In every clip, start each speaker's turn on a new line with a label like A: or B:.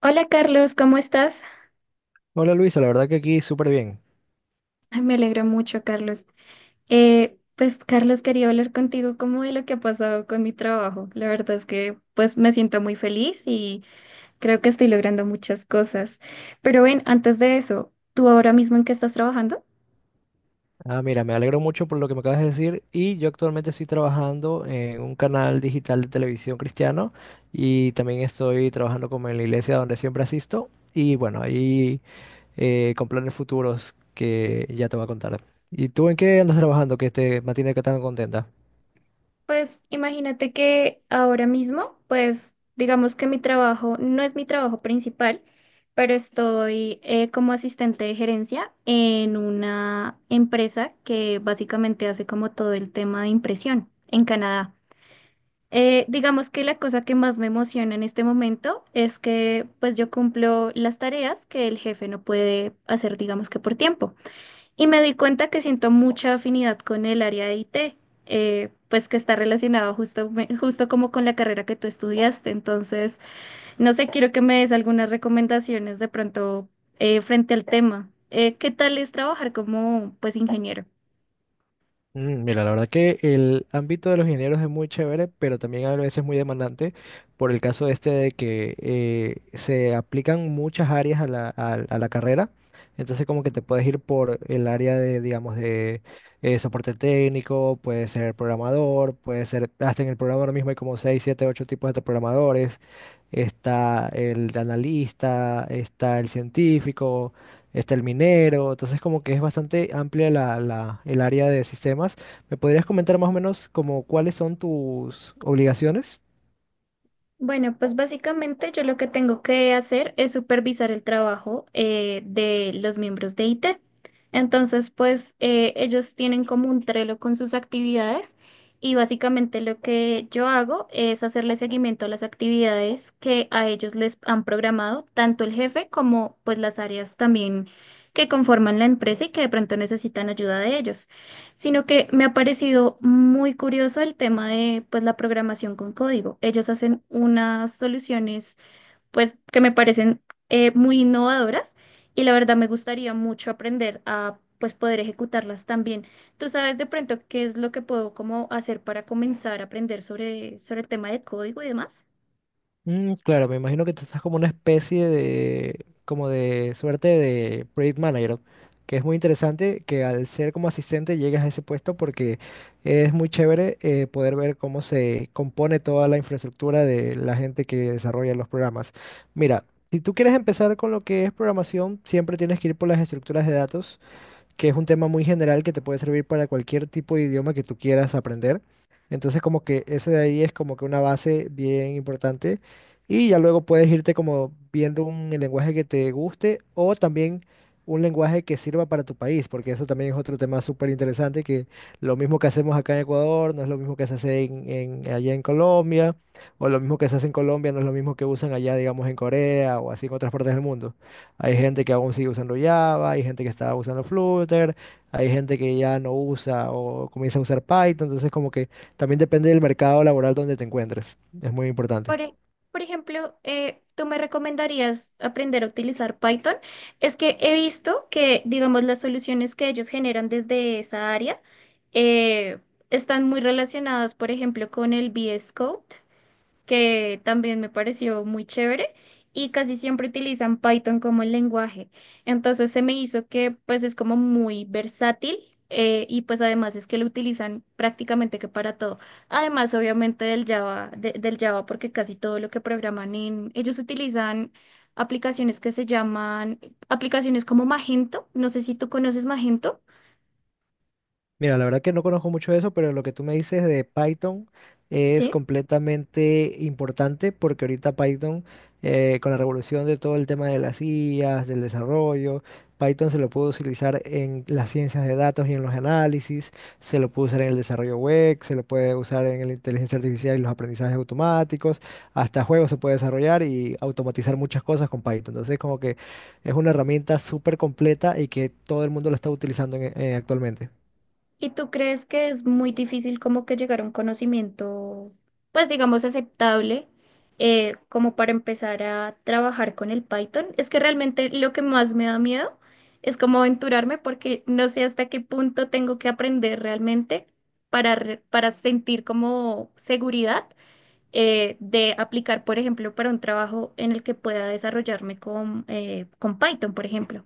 A: Hola Carlos, ¿cómo estás?
B: Hola Luisa, la verdad que aquí súper bien.
A: Ay, me alegro mucho, Carlos. Pues Carlos, quería hablar contigo como de lo que ha pasado con mi trabajo. La verdad es que pues me siento muy feliz y creo que estoy logrando muchas cosas. Pero ven, antes de eso, ¿tú ahora mismo en qué estás trabajando?
B: Ah, mira, me alegro mucho por lo que me acabas de decir y yo actualmente estoy trabajando en un canal digital de televisión cristiano y también estoy trabajando como en la iglesia donde siempre asisto y bueno, ahí con planes futuros que ya te voy a contar. ¿Y tú en qué andas trabajando que te mantiene que tan contenta?
A: Pues imagínate que ahora mismo, pues digamos que mi trabajo no es mi trabajo principal, pero estoy como asistente de gerencia en una empresa que básicamente hace como todo el tema de impresión en Canadá. Digamos que la cosa que más me emociona en este momento es que pues yo cumplo las tareas que el jefe no puede hacer, digamos que por tiempo. Y me di cuenta que siento mucha afinidad con el área de IT, pues que está relacionado justo como con la carrera que tú estudiaste. Entonces, no sé, quiero que me des algunas recomendaciones de pronto frente al tema. ¿Qué tal es trabajar como pues ingeniero?
B: Mm, mira, la verdad que el ámbito de los ingenieros es muy chévere, pero también a veces muy demandante por el caso este de que se aplican muchas áreas a la carrera. Entonces como que te puedes ir por el área de, digamos, de soporte técnico, puedes ser programador, puedes ser, hasta en el programa ahora mismo hay como 6 7 8 tipos de programadores, está el analista, está el científico, está el minero. Entonces como que es bastante amplia el área de sistemas. ¿Me podrías comentar más o menos como cuáles son tus obligaciones?
A: Bueno, pues básicamente yo lo que tengo que hacer es supervisar el trabajo de los miembros de IT. Entonces, pues ellos tienen como un Trello con sus actividades y básicamente lo que yo hago es hacerle seguimiento a las actividades que a ellos les han programado, tanto el jefe como pues las áreas también que conforman la empresa y que de pronto necesitan ayuda de ellos sino que me ha parecido muy curioso el tema de pues la programación con código. Ellos hacen unas soluciones pues que me parecen muy innovadoras y la verdad me gustaría mucho aprender a pues poder ejecutarlas también. ¿Tú sabes de pronto qué es lo que puedo como hacer para comenzar a aprender sobre, sobre el tema de código y demás?
B: Mm, claro, me imagino que tú estás como una especie de, como de suerte de project manager, que es muy interesante que al ser como asistente llegues a ese puesto porque es muy chévere, poder ver cómo se compone toda la infraestructura de la gente que desarrolla los programas. Mira, si tú quieres empezar con lo que es programación, siempre tienes que ir por las estructuras de datos, que es un tema muy general que te puede servir para cualquier tipo de idioma que tú quieras aprender. Entonces como que ese de ahí es como que una base bien importante y ya luego puedes irte como viendo un lenguaje que te guste, o también un lenguaje que sirva para tu país, porque eso también es otro tema súper interesante. Que lo mismo que hacemos acá en Ecuador no es lo mismo que se hace allá en Colombia, o lo mismo que se hace en Colombia no es lo mismo que usan allá, digamos, en Corea o así en otras partes del mundo. Hay gente que aún sigue usando Java, hay gente que está usando Flutter, hay gente que ya no usa o comienza a usar Python. Entonces, como que también depende del mercado laboral donde te encuentres. Es muy importante.
A: Por, e- por ejemplo, ¿tú me recomendarías aprender a utilizar Python? Es que he visto que, digamos, las soluciones que ellos generan desde esa área eh, están muy relacionadas, por ejemplo, con el VS Code que también me pareció muy chévere y casi siempre utilizan Python como el lenguaje. Entonces se me hizo que pues es como muy versátil y pues además es que lo utilizan prácticamente que para todo. Además obviamente del Java, del Java porque casi todo lo que programan en, ellos utilizan aplicaciones que se llaman aplicaciones como Magento. No sé si tú conoces Magento,
B: Mira, la verdad que no conozco mucho de eso, pero lo que tú me dices de Python es
A: ¿sí?
B: completamente importante porque ahorita Python, con la revolución de todo el tema de las IAs, del desarrollo, Python se lo puede utilizar en las ciencias de datos y en los análisis, se lo puede usar en el desarrollo web, se lo puede usar en la inteligencia artificial y los aprendizajes automáticos, hasta juegos se puede desarrollar y automatizar muchas cosas con Python. Entonces, como que es una herramienta súper completa y que todo el mundo lo está utilizando actualmente.
A: ¿Y tú crees que es muy difícil como que llegar a un conocimiento, pues digamos, aceptable, como para empezar a trabajar con el Python? Es que realmente lo que más me da miedo es como aventurarme porque no sé hasta qué punto tengo que aprender realmente para, para sentir como seguridad de aplicar, por ejemplo, para un trabajo en el que pueda desarrollarme con Python, por ejemplo.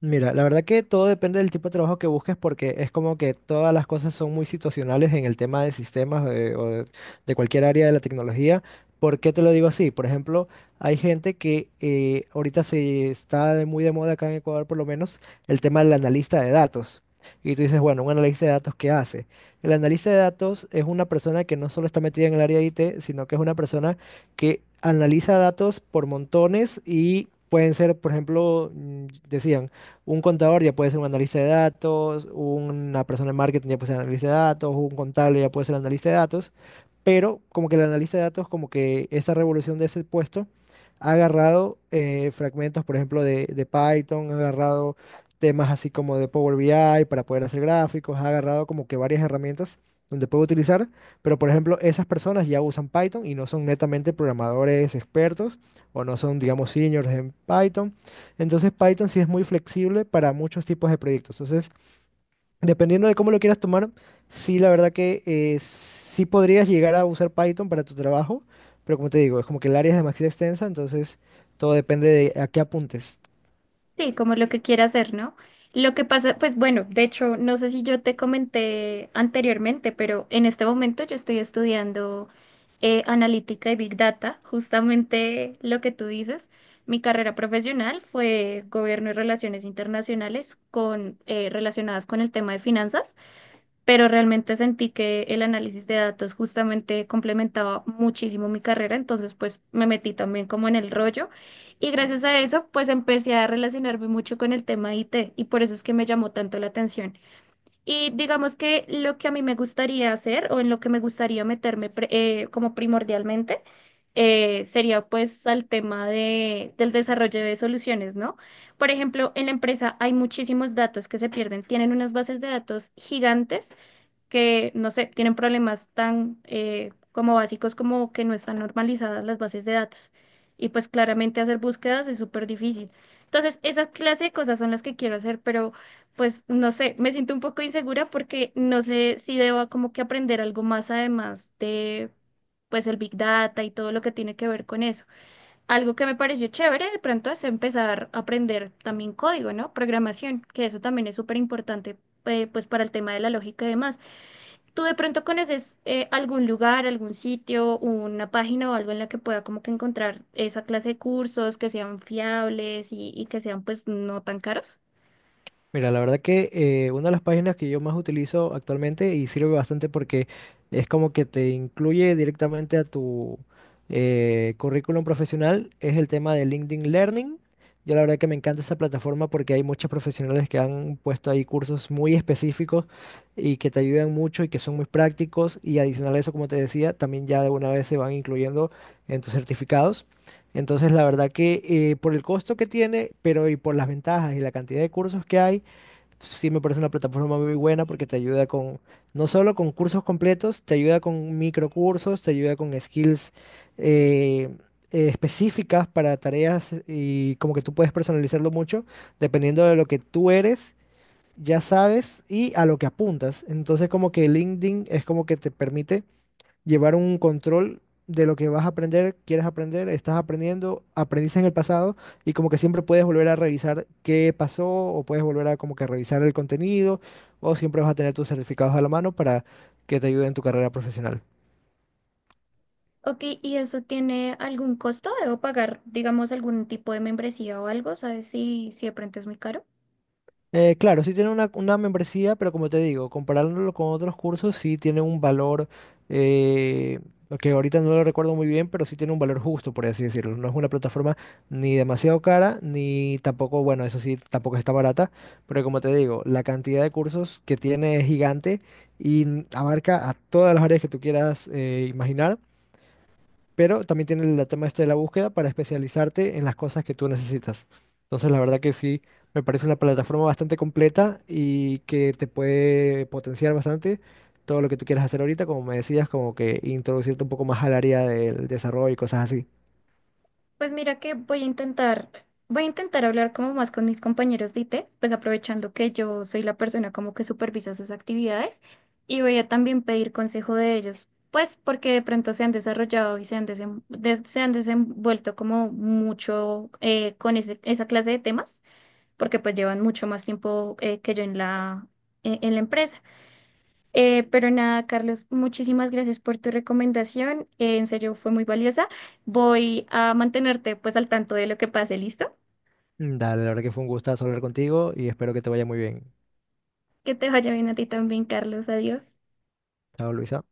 B: Mira, la verdad que todo depende del tipo de trabajo que busques, porque es como que todas las cosas son muy situacionales en el tema de sistemas, o de cualquier área de la tecnología. ¿Por qué te lo digo así? Por ejemplo, hay gente que ahorita se está muy de moda acá en Ecuador por lo menos el tema del analista de datos. Y tú dices, bueno, un analista de datos, ¿qué hace? El analista de datos es una persona que no solo está metida en el área de IT, sino que es una persona que analiza datos por montones y pueden ser, por ejemplo, mm, decían, un contador ya puede ser un analista de datos, una persona de marketing ya puede ser analista de datos, un contable ya puede ser analista de datos, pero como que el analista de datos, como que esa revolución de ese puesto ha agarrado fragmentos, por ejemplo, de Python, ha agarrado temas así como de Power BI para poder hacer gráficos, ha agarrado como que varias herramientas donde puede utilizar, pero por ejemplo, esas personas ya usan Python y no son netamente programadores expertos, o no son, digamos, seniors en Python. Entonces Python sí es muy flexible para muchos tipos de proyectos. Entonces, dependiendo de cómo lo quieras tomar, sí, la verdad que sí podrías llegar a usar Python para tu trabajo, pero como te digo, es como que el área es demasiado extensa, entonces todo depende de a qué apuntes.
A: Sí, como lo que quiera hacer, ¿no? Lo que pasa, pues bueno, de hecho, no sé si yo te comenté anteriormente, pero en este momento yo estoy estudiando analítica y Big Data, justamente lo que tú dices. Mi carrera profesional fue gobierno y relaciones internacionales con, relacionadas con el tema de finanzas pero realmente sentí que el análisis de datos justamente complementaba muchísimo mi carrera, entonces pues me metí también como en el rollo y gracias a eso pues empecé a relacionarme mucho con el tema IT y por eso es que me llamó tanto la atención. Y digamos que lo que a mí me gustaría hacer o en lo que me gustaría meterme como primordialmente sería pues al tema de, del desarrollo de soluciones, ¿no? Por ejemplo, en la empresa hay muchísimos datos que se pierden, tienen unas bases de datos gigantes que, no sé, tienen problemas tan como básicos como que no están normalizadas las bases de datos. Y pues claramente hacer búsquedas es súper difícil. Entonces, esa clase de cosas son las que quiero hacer, pero pues no sé, me siento un poco insegura porque no sé si debo como que aprender algo más además de pues el Big Data y todo lo que tiene que ver con eso. Algo que me pareció chévere de pronto es empezar a aprender también código, ¿no? Programación, que eso también es súper importante pues para el tema de la lógica y demás. ¿Tú de pronto conoces algún lugar, algún sitio, una página o algo en la que pueda como que encontrar esa clase de cursos que sean fiables y que sean pues no tan caros?
B: Mira, la verdad que una de las páginas que yo más utilizo actualmente y sirve bastante porque es como que te incluye directamente a tu currículum profesional es el tema de LinkedIn Learning. Yo la verdad que me encanta esa plataforma porque hay muchos profesionales que han puesto ahí cursos muy específicos y que te ayudan mucho y que son muy prácticos, y adicional a eso, como te decía, también ya de una vez se van incluyendo en tus certificados. Entonces, la verdad que por el costo que tiene, pero y por las ventajas y la cantidad de cursos que hay, sí me parece una plataforma muy buena porque te ayuda con, no solo con cursos completos, te ayuda con microcursos, te ayuda con skills eh, específicas para tareas, y como que tú puedes personalizarlo mucho dependiendo de lo que tú eres, ya sabes, y a lo que apuntas. Entonces como que LinkedIn es como que te permite llevar un control de lo que vas a aprender, quieres aprender, estás aprendiendo, aprendiste en el pasado, y como que siempre puedes volver a revisar qué pasó, o puedes volver a como que revisar el contenido, o siempre vas a tener tus certificados a la mano para que te ayuden en tu carrera profesional.
A: Ok, ¿y eso tiene algún costo? ¿Debo pagar, digamos, algún tipo de membresía o algo? ¿Sabes si, si de pronto es muy caro?
B: Claro, sí tiene una membresía, pero como te digo, comparándolo con otros cursos, sí tiene un valor, eh, que ahorita no lo recuerdo muy bien, pero sí tiene un valor justo, por así decirlo. No es una plataforma ni demasiado cara, ni tampoco, bueno, eso sí, tampoco está barata, pero como te digo, la cantidad de cursos que tiene es gigante y abarca a todas las áreas que tú quieras imaginar, pero también tiene el tema este de la búsqueda para especializarte en las cosas que tú necesitas. Entonces, la verdad que sí, me parece una plataforma bastante completa y que te puede potenciar bastante todo lo que tú quieras hacer ahorita, como me decías, como que introducirte un poco más al área del desarrollo y cosas así.
A: Pues mira que voy a intentar hablar como más con mis compañeros de IT, pues aprovechando que yo soy la persona como que supervisa sus actividades y voy a también pedir consejo de ellos, pues porque de pronto se han desarrollado y se han, se han desenvuelto como mucho con esa clase de temas, porque pues llevan mucho más tiempo que yo en la, en la empresa. Pero nada, Carlos, muchísimas gracias por tu recomendación. En serio, fue muy valiosa. Voy a mantenerte pues al tanto de lo que pase, ¿listo?
B: Mm, dale, la verdad que fue un gustazo hablar contigo y espero que te vaya muy bien.
A: Que te vaya bien a ti también, Carlos. Adiós.
B: Chao, Luisa.